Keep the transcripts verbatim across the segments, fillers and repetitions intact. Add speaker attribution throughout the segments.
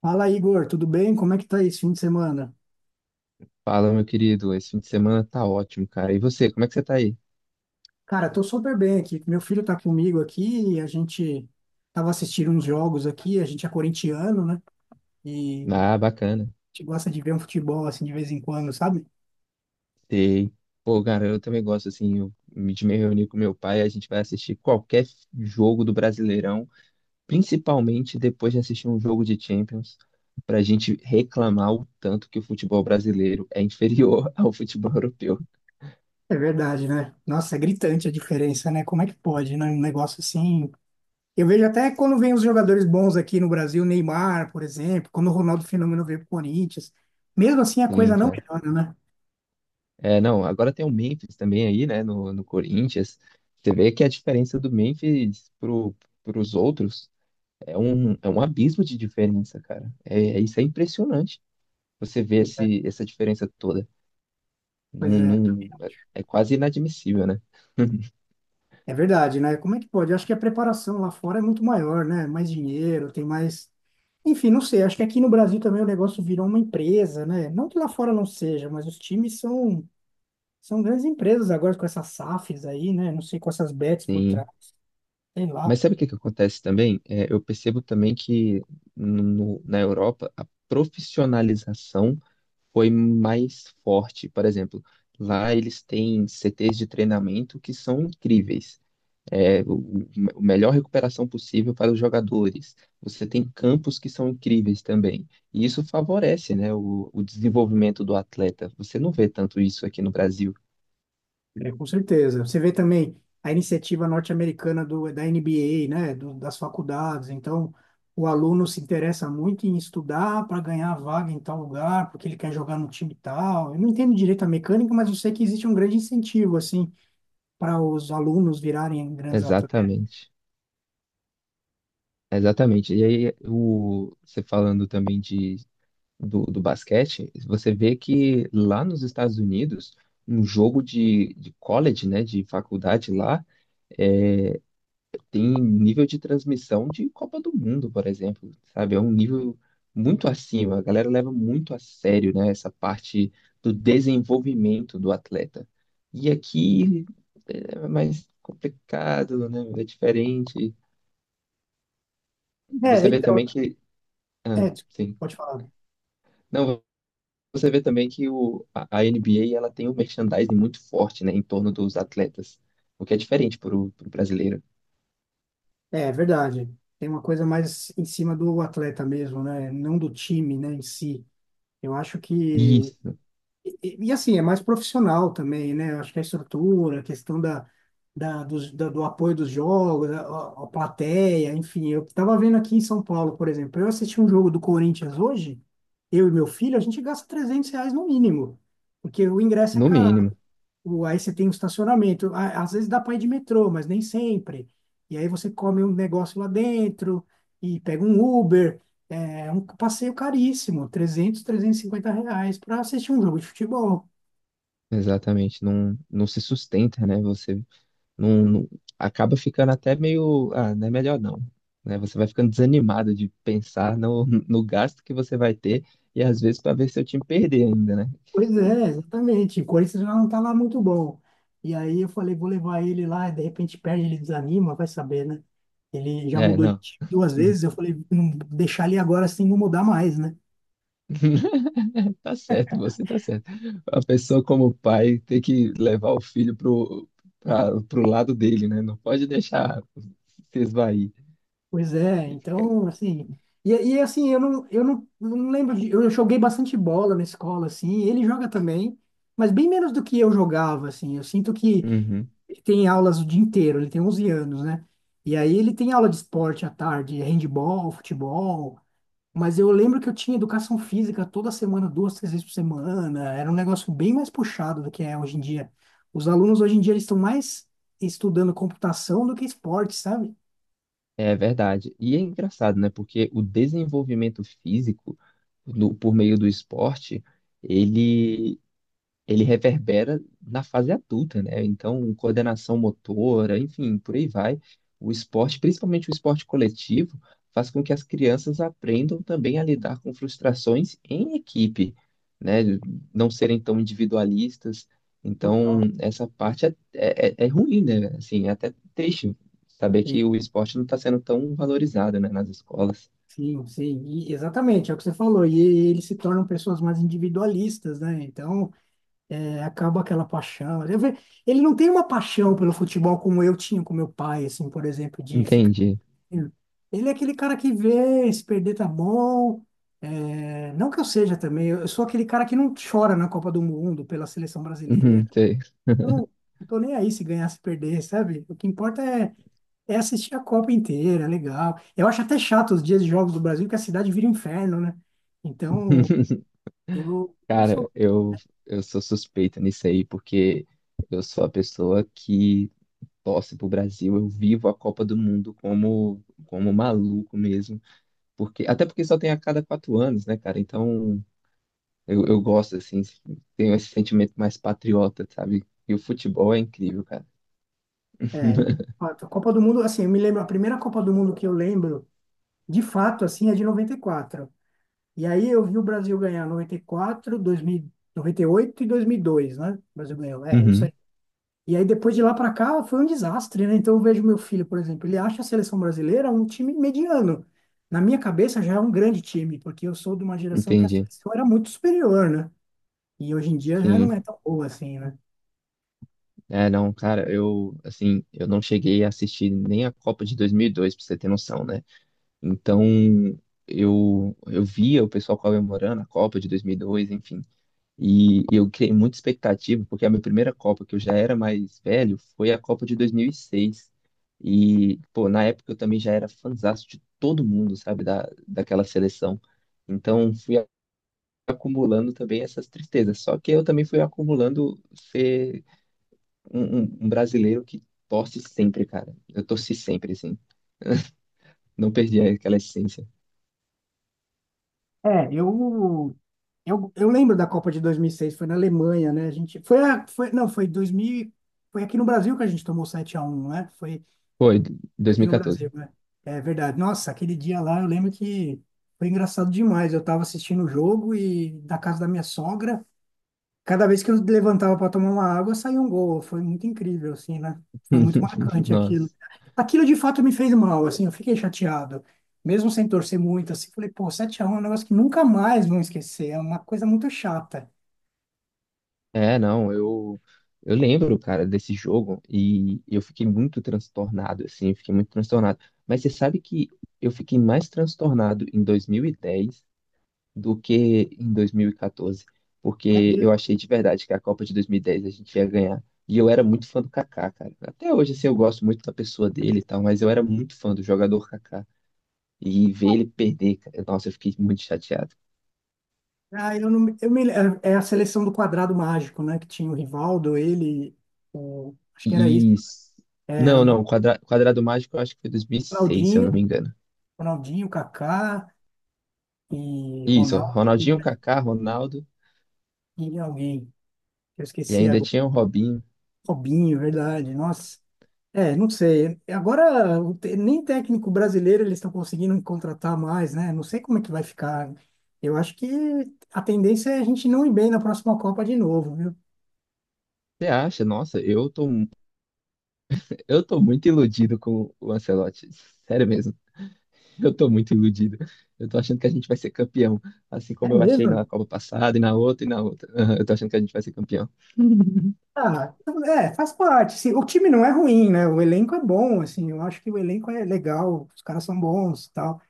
Speaker 1: Fala, Igor, tudo bem? Como é que tá esse fim de semana?
Speaker 2: Fala, meu querido. Esse fim de semana tá ótimo, cara. E você, como é que você tá aí?
Speaker 1: Cara, tô super bem aqui. Meu filho tá comigo aqui e a gente tava assistindo uns jogos aqui. A gente é corintiano, né? E a
Speaker 2: Ah, bacana.
Speaker 1: gente gosta de ver um futebol assim de vez em quando, sabe?
Speaker 2: Sei. Pô, cara, eu também gosto, assim, eu me- de me reunir com meu pai, a gente vai assistir qualquer jogo do Brasileirão, principalmente depois de assistir um jogo de Champions, pra gente reclamar o tanto que o futebol brasileiro é inferior ao futebol europeu.
Speaker 1: É verdade, né? Nossa, é gritante a diferença, né? Como é que pode, né? Um negócio assim. Eu vejo até quando vem os jogadores bons aqui no Brasil, Neymar, por exemplo, quando o Ronaldo Fenômeno veio pro Corinthians. Mesmo assim, a
Speaker 2: Sim,
Speaker 1: coisa não
Speaker 2: cara.
Speaker 1: melhora, né?
Speaker 2: É, não, agora tem o Memphis também aí, né, no, no Corinthians. Você vê que a diferença do Memphis pro, pros outros. É um, é um abismo de diferença, cara. É, é- isso é impressionante. Você vê
Speaker 1: Pois é.
Speaker 2: esse, essa diferença toda.
Speaker 1: Pois
Speaker 2: Num,
Speaker 1: é.
Speaker 2: num- é é quase inadmissível, né?
Speaker 1: É verdade, né? Como é que pode? Eu acho que a preparação lá fora é muito maior, né? Mais dinheiro, tem mais. Enfim, não sei. Acho que aqui no Brasil também o negócio virou uma empresa, né? Não que lá fora não seja, mas os times são, são grandes empresas agora com essas safes aí, né? Não sei, com essas bets por trás,
Speaker 2: Sim.
Speaker 1: sei lá.
Speaker 2: Mas sabe o que que acontece também? É, eu percebo também que no- na Europa a profissionalização foi mais forte. Por exemplo, lá eles têm C Tês de treinamento que são incríveis. é, o, o melhor recuperação possível para os jogadores. Você tem campos que são incríveis também. E isso favorece, né, o, o desenvolvimento do atleta. Você não vê tanto isso aqui no Brasil.
Speaker 1: É, com certeza. Você vê também a iniciativa norte-americana do da N B A, né, do, das faculdades. Então, o aluno se interessa muito em estudar para ganhar vaga em tal lugar, porque ele quer jogar no time tal. Eu não entendo direito a mecânica, mas eu sei que existe um grande incentivo assim para os alunos virarem grandes atletas.
Speaker 2: Exatamente. Exatamente. E aí, o, você falando também de, do, do basquete, você vê que lá nos Estados Unidos, um jogo de, de college, né, de faculdade lá, tem nível de transmissão de Copa do Mundo, por exemplo, sabe? É um nível muito acima. A galera leva muito a sério, né, essa parte do desenvolvimento do atleta. E aqui é é mais complicado, né? É diferente.
Speaker 1: É,
Speaker 2: Você vê
Speaker 1: então,
Speaker 2: também que, ah,
Speaker 1: é,
Speaker 2: sim.
Speaker 1: pode falar.
Speaker 2: Não, você vê também que o, a, a N B A ela tem um merchandising muito forte, né, em torno dos atletas, o que é diferente para o brasileiro.
Speaker 1: É é verdade. Tem uma coisa mais em cima do atleta mesmo, né? Não do time, né, em si. Eu acho que
Speaker 2: Isso,
Speaker 1: E, e, assim, é mais profissional também, né? Eu acho que a estrutura, a questão da, da, dos- da- do apoio dos jogos, a, a- a plateia, enfim. Eu estava vendo aqui em São Paulo, por exemplo, eu assisti um jogo do Corinthians hoje, eu e meu filho, a gente gasta trezentos reais no mínimo, porque o ingresso é
Speaker 2: no
Speaker 1: caro,
Speaker 2: mínimo.
Speaker 1: o- aí você tem o estacionamento, a- às vezes dá para ir de metrô, mas nem sempre. E aí você come um negócio lá dentro e pega um Uber. É é um passeio caríssimo, trezentos trezentos e cinquenta reais para assistir um jogo de futebol.
Speaker 2: Exatamente, não, não se sustenta, né? Você não, não- acaba ficando até meio, ah, não é melhor não, né? Você vai ficando desanimado de pensar no, no gasto que você vai ter e às vezes para ver seu time perder ainda, né?
Speaker 1: Pois é, exatamente. O Corinthians já não tá lá muito bom. E aí eu falei, vou levar ele lá, e de repente perde, ele desanima, vai saber, né? Ele já
Speaker 2: É,
Speaker 1: mudou de
Speaker 2: não.
Speaker 1: time duas vezes, eu falei, não deixar ele agora assim não mudar mais, né?
Speaker 2: Tá certo, você tá certo. A pessoa como pai tem que levar o filho pro, pra, pro lado dele, né? Não pode deixar se esvair.
Speaker 1: Pois é, então, assim. E, e assim, eu não, eu não, não lembro de. Eu joguei bastante bola na escola, assim, ele joga também, mas bem menos do que eu jogava, assim. Eu sinto que
Speaker 2: Uhum.
Speaker 1: ele tem aulas o dia inteiro, ele tem onze anos, né? E aí ele tem aula de esporte à tarde, handball, futebol. Mas eu lembro que eu tinha educação física toda semana, duas, três vezes por semana. Era um negócio bem mais puxado do que é hoje em dia. Os alunos hoje em dia eles estão mais estudando computação do que esporte, sabe?
Speaker 2: É verdade. E é engraçado, né? Porque o desenvolvimento físico no- por meio do esporte, ele ele reverbera na fase adulta, né? Então, coordenação motora, enfim, por aí vai. O esporte, principalmente o esporte coletivo, faz com que as crianças aprendam também a lidar com frustrações em equipe, né? Não serem tão individualistas. Então,
Speaker 1: Total.
Speaker 2: essa parte é, é, é é ruim, né? Assim, é até triste saber
Speaker 1: Sim,
Speaker 2: que o esporte não está sendo tão valorizado, né, nas escolas.
Speaker 1: sim, sim. E exatamente, é o que você falou. E eles se tornam pessoas mais individualistas, né? Então, é, acaba aquela paixão. Eu ve- ele não tem uma paixão pelo futebol como eu tinha com meu pai, assim, por exemplo, de ficar.
Speaker 2: Entendi.
Speaker 1: Ele é aquele cara que vê, se perder tá bom. É, não que eu seja também, eu eu sou aquele cara que não chora na Copa do Mundo pela seleção brasileira.
Speaker 2: Uhum, sei.
Speaker 1: Eu não, não tô nem aí se ganhar, se perder, sabe? O que importa é, é assistir a Copa inteira, é legal. Eu acho até chato os dias de jogos do Brasil, que a cidade vira um inferno, né? Então, eu não sou.
Speaker 2: Cara, eu, eu sou suspeita nisso aí, porque eu sou a pessoa que torce pro Brasil, eu vivo a Copa do Mundo como, como maluco mesmo, porque até porque só tem a cada quatro anos, né, cara? Então eu, eu gosto, assim, tenho esse sentimento mais patriota, sabe? E o futebol é incrível, cara.
Speaker 1: É, a Copa do Mundo, assim, eu me lembro, a primeira Copa do Mundo que eu lembro, de fato, assim, é de noventa e quatro. E aí eu vi o Brasil ganhar noventa e quatro, dois mil noventa e oito e e dois mil e dois, né? O Brasil ganhou, é, isso
Speaker 2: Uhum,
Speaker 1: aí. E aí depois de lá para cá foi um desastre, né? Então eu vejo meu filho, por exemplo, ele acha a seleção brasileira um time mediano. Na minha cabeça já é um grande time, porque eu sou de uma geração que a
Speaker 2: entendi.
Speaker 1: seleção era muito superior, né? E hoje em dia já não
Speaker 2: Sim.
Speaker 1: é tão boa assim, né?
Speaker 2: É, não, cara, eu, assim, eu não cheguei a assistir nem a Copa de dois mil e dois, pra você ter noção, né? Então, eu, eu via o pessoal comemorando a Copa de dois mil e dois, enfim. E eu criei muita expectativa, porque a minha primeira Copa, que eu já era mais velho, foi a Copa de dois mil e seis. E, seis. E, pô, na época eu também já era fãzaço de todo mundo, sabe, da, daquela seleção. Então, fui acumulando também essas tristezas. Só que eu também fui acumulando ser um, um um brasileiro que torce sempre, cara. Eu torci sempre, assim. Não perdi aquela essência.
Speaker 1: É, eu eu, eu lembro da Copa de dois mil e seis foi na Alemanha, né? A gente foi, a, foi não, foi dois mil, e- foi aqui no Brasil que a gente tomou sete a um, né? Foi.
Speaker 2: Foi,
Speaker 1: Foi aqui no
Speaker 2: dois mil e quatorze.
Speaker 1: Brasil, né? É verdade. Nossa, aquele dia lá eu lembro que foi engraçado demais. Eu tava assistindo o jogo e da casa da minha sogra, cada vez que eu levantava para tomar uma água, saía um gol. Foi muito incrível, assim, né? Foi muito marcante
Speaker 2: Nossa.
Speaker 1: aquilo. Aquilo de fato me fez mal, assim, eu fiquei chateado. Mesmo sem torcer muito, assim, falei, pô, sete a um é um negócio que nunca mais vão esquecer. É uma coisa muito chata.
Speaker 2: É, não, eu, eu lembro, cara, desse jogo e eu fiquei muito transtornado, assim, fiquei muito transtornado. Mas você sabe que eu fiquei mais transtornado em dois mil e dez do que em dois mil e quatorze,
Speaker 1: É.
Speaker 2: porque eu
Speaker 1: Mesmo-
Speaker 2: achei de verdade que a Copa de dois mil e dez a gente ia ganhar. E eu era muito fã do Kaká, cara. Até hoje, assim, eu gosto muito da pessoa dele e tal, mas eu era muito fã do jogador Kaká. E ver ele perder, cara, nossa, eu fiquei muito chateado.
Speaker 1: ah, eu não, me- eu me, é é a seleção do quadrado mágico, né? Que tinha o Rivaldo, ele, o, acho que era isso.
Speaker 2: E.
Speaker 1: Era
Speaker 2: Não, não, Quadra... Quadrado Mágico eu acho que foi dois mil e seis, se eu
Speaker 1: Ronaldinho,
Speaker 2: não me engano.
Speaker 1: Ronaldinho, Kaká e
Speaker 2: Isso,
Speaker 1: Ronaldo e
Speaker 2: Ronaldinho,
Speaker 1: mais
Speaker 2: Kaká, Ronaldo
Speaker 1: e alguém. Eu
Speaker 2: e
Speaker 1: esqueci
Speaker 2: ainda
Speaker 1: agora.
Speaker 2: tinha o Robinho.
Speaker 1: Robinho, verdade. Nossa. É, não sei. Agora o te- nem técnico brasileiro eles estão conseguindo contratar mais, né? Não sei como é que vai ficar. Eu acho que a tendência é a gente não ir bem na próxima Copa de novo, viu?
Speaker 2: Você acha? Nossa, eu tô, eu tô muito iludido com o Ancelotti. Sério mesmo, eu tô muito iludido. Eu tô achando que a gente vai ser campeão, assim
Speaker 1: É
Speaker 2: como eu achei na
Speaker 1: mesmo?
Speaker 2: Copa passada e na outra e na outra. Aham, eu tô achando que a gente vai ser campeão.
Speaker 1: Ah, é, faz parte. Se- o time não é ruim, né? O elenco é bom, assim. Eu acho que o elenco é legal, os caras são bons, tal.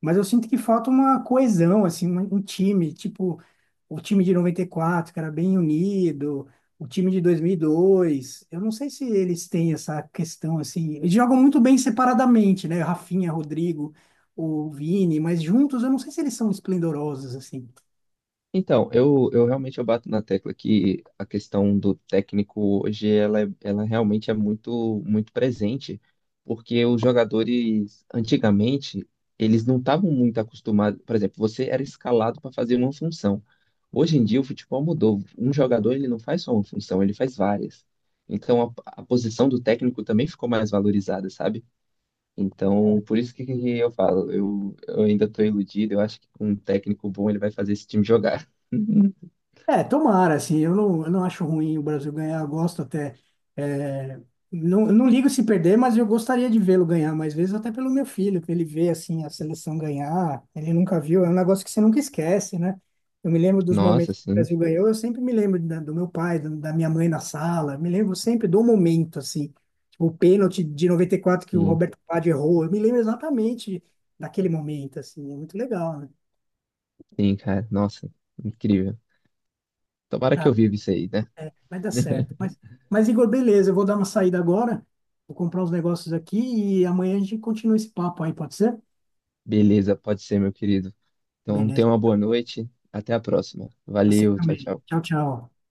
Speaker 1: Mas eu sinto que falta uma coesão, assim, um, um time, tipo o time de noventa e quatro, que era bem unido, o time de dois mil e dois. Eu não sei se eles têm essa questão, assim. Eles jogam muito bem separadamente, né? Rafinha, Rodrigo, o Vini, mas juntos eu não sei se eles são esplendorosos, assim.
Speaker 2: Então, eu, eu realmente eu bato na tecla que a questão do técnico hoje ela, é- ela realmente é muito muito presente, porque os jogadores antigamente eles não estavam muito acostumados, por exemplo, você era escalado para fazer uma função. Hoje em dia o futebol mudou. Um jogador ele não faz só uma função, ele faz várias. Então a, a posição do técnico também ficou mais valorizada, sabe? Então, por isso que que eu falo, eu, eu ainda estou iludido, eu acho que com um técnico bom ele vai fazer esse time jogar.
Speaker 1: É, tomara, assim, eu não, eu não acho ruim o Brasil ganhar, eu gosto até. É, não, eu não ligo se perder, mas eu gostaria de vê-lo ganhar mais vezes, até pelo meu filho, que ele vê, assim, a seleção ganhar, ele nunca viu, é um negócio que você nunca esquece, né? Eu me lembro dos
Speaker 2: Nossa,
Speaker 1: momentos que o
Speaker 2: sim,
Speaker 1: Brasil ganhou, eu sempre me lembro da- do meu pai, do- da minha mãe na sala, eu me lembro sempre do momento, assim, tipo, o pênalti de noventa e quatro que o
Speaker 2: sim,
Speaker 1: Roberto Padre errou, eu me lembro exatamente daquele momento, assim, é muito legal, né?
Speaker 2: sim, cara, nossa, incrível. Tomara que eu viva isso aí, né?
Speaker 1: Vai dar certo. Mas, mas, Igor, beleza, eu vou dar uma saída agora, vou comprar uns negócios aqui e amanhã a gente continua esse papo aí, pode ser?
Speaker 2: Beleza, pode ser, meu querido. Então, tenha uma
Speaker 1: Beleza.
Speaker 2: boa noite, até a próxima.
Speaker 1: Você
Speaker 2: Valeu, tchau,
Speaker 1: também.
Speaker 2: tchau.
Speaker 1: Tchau, tchau.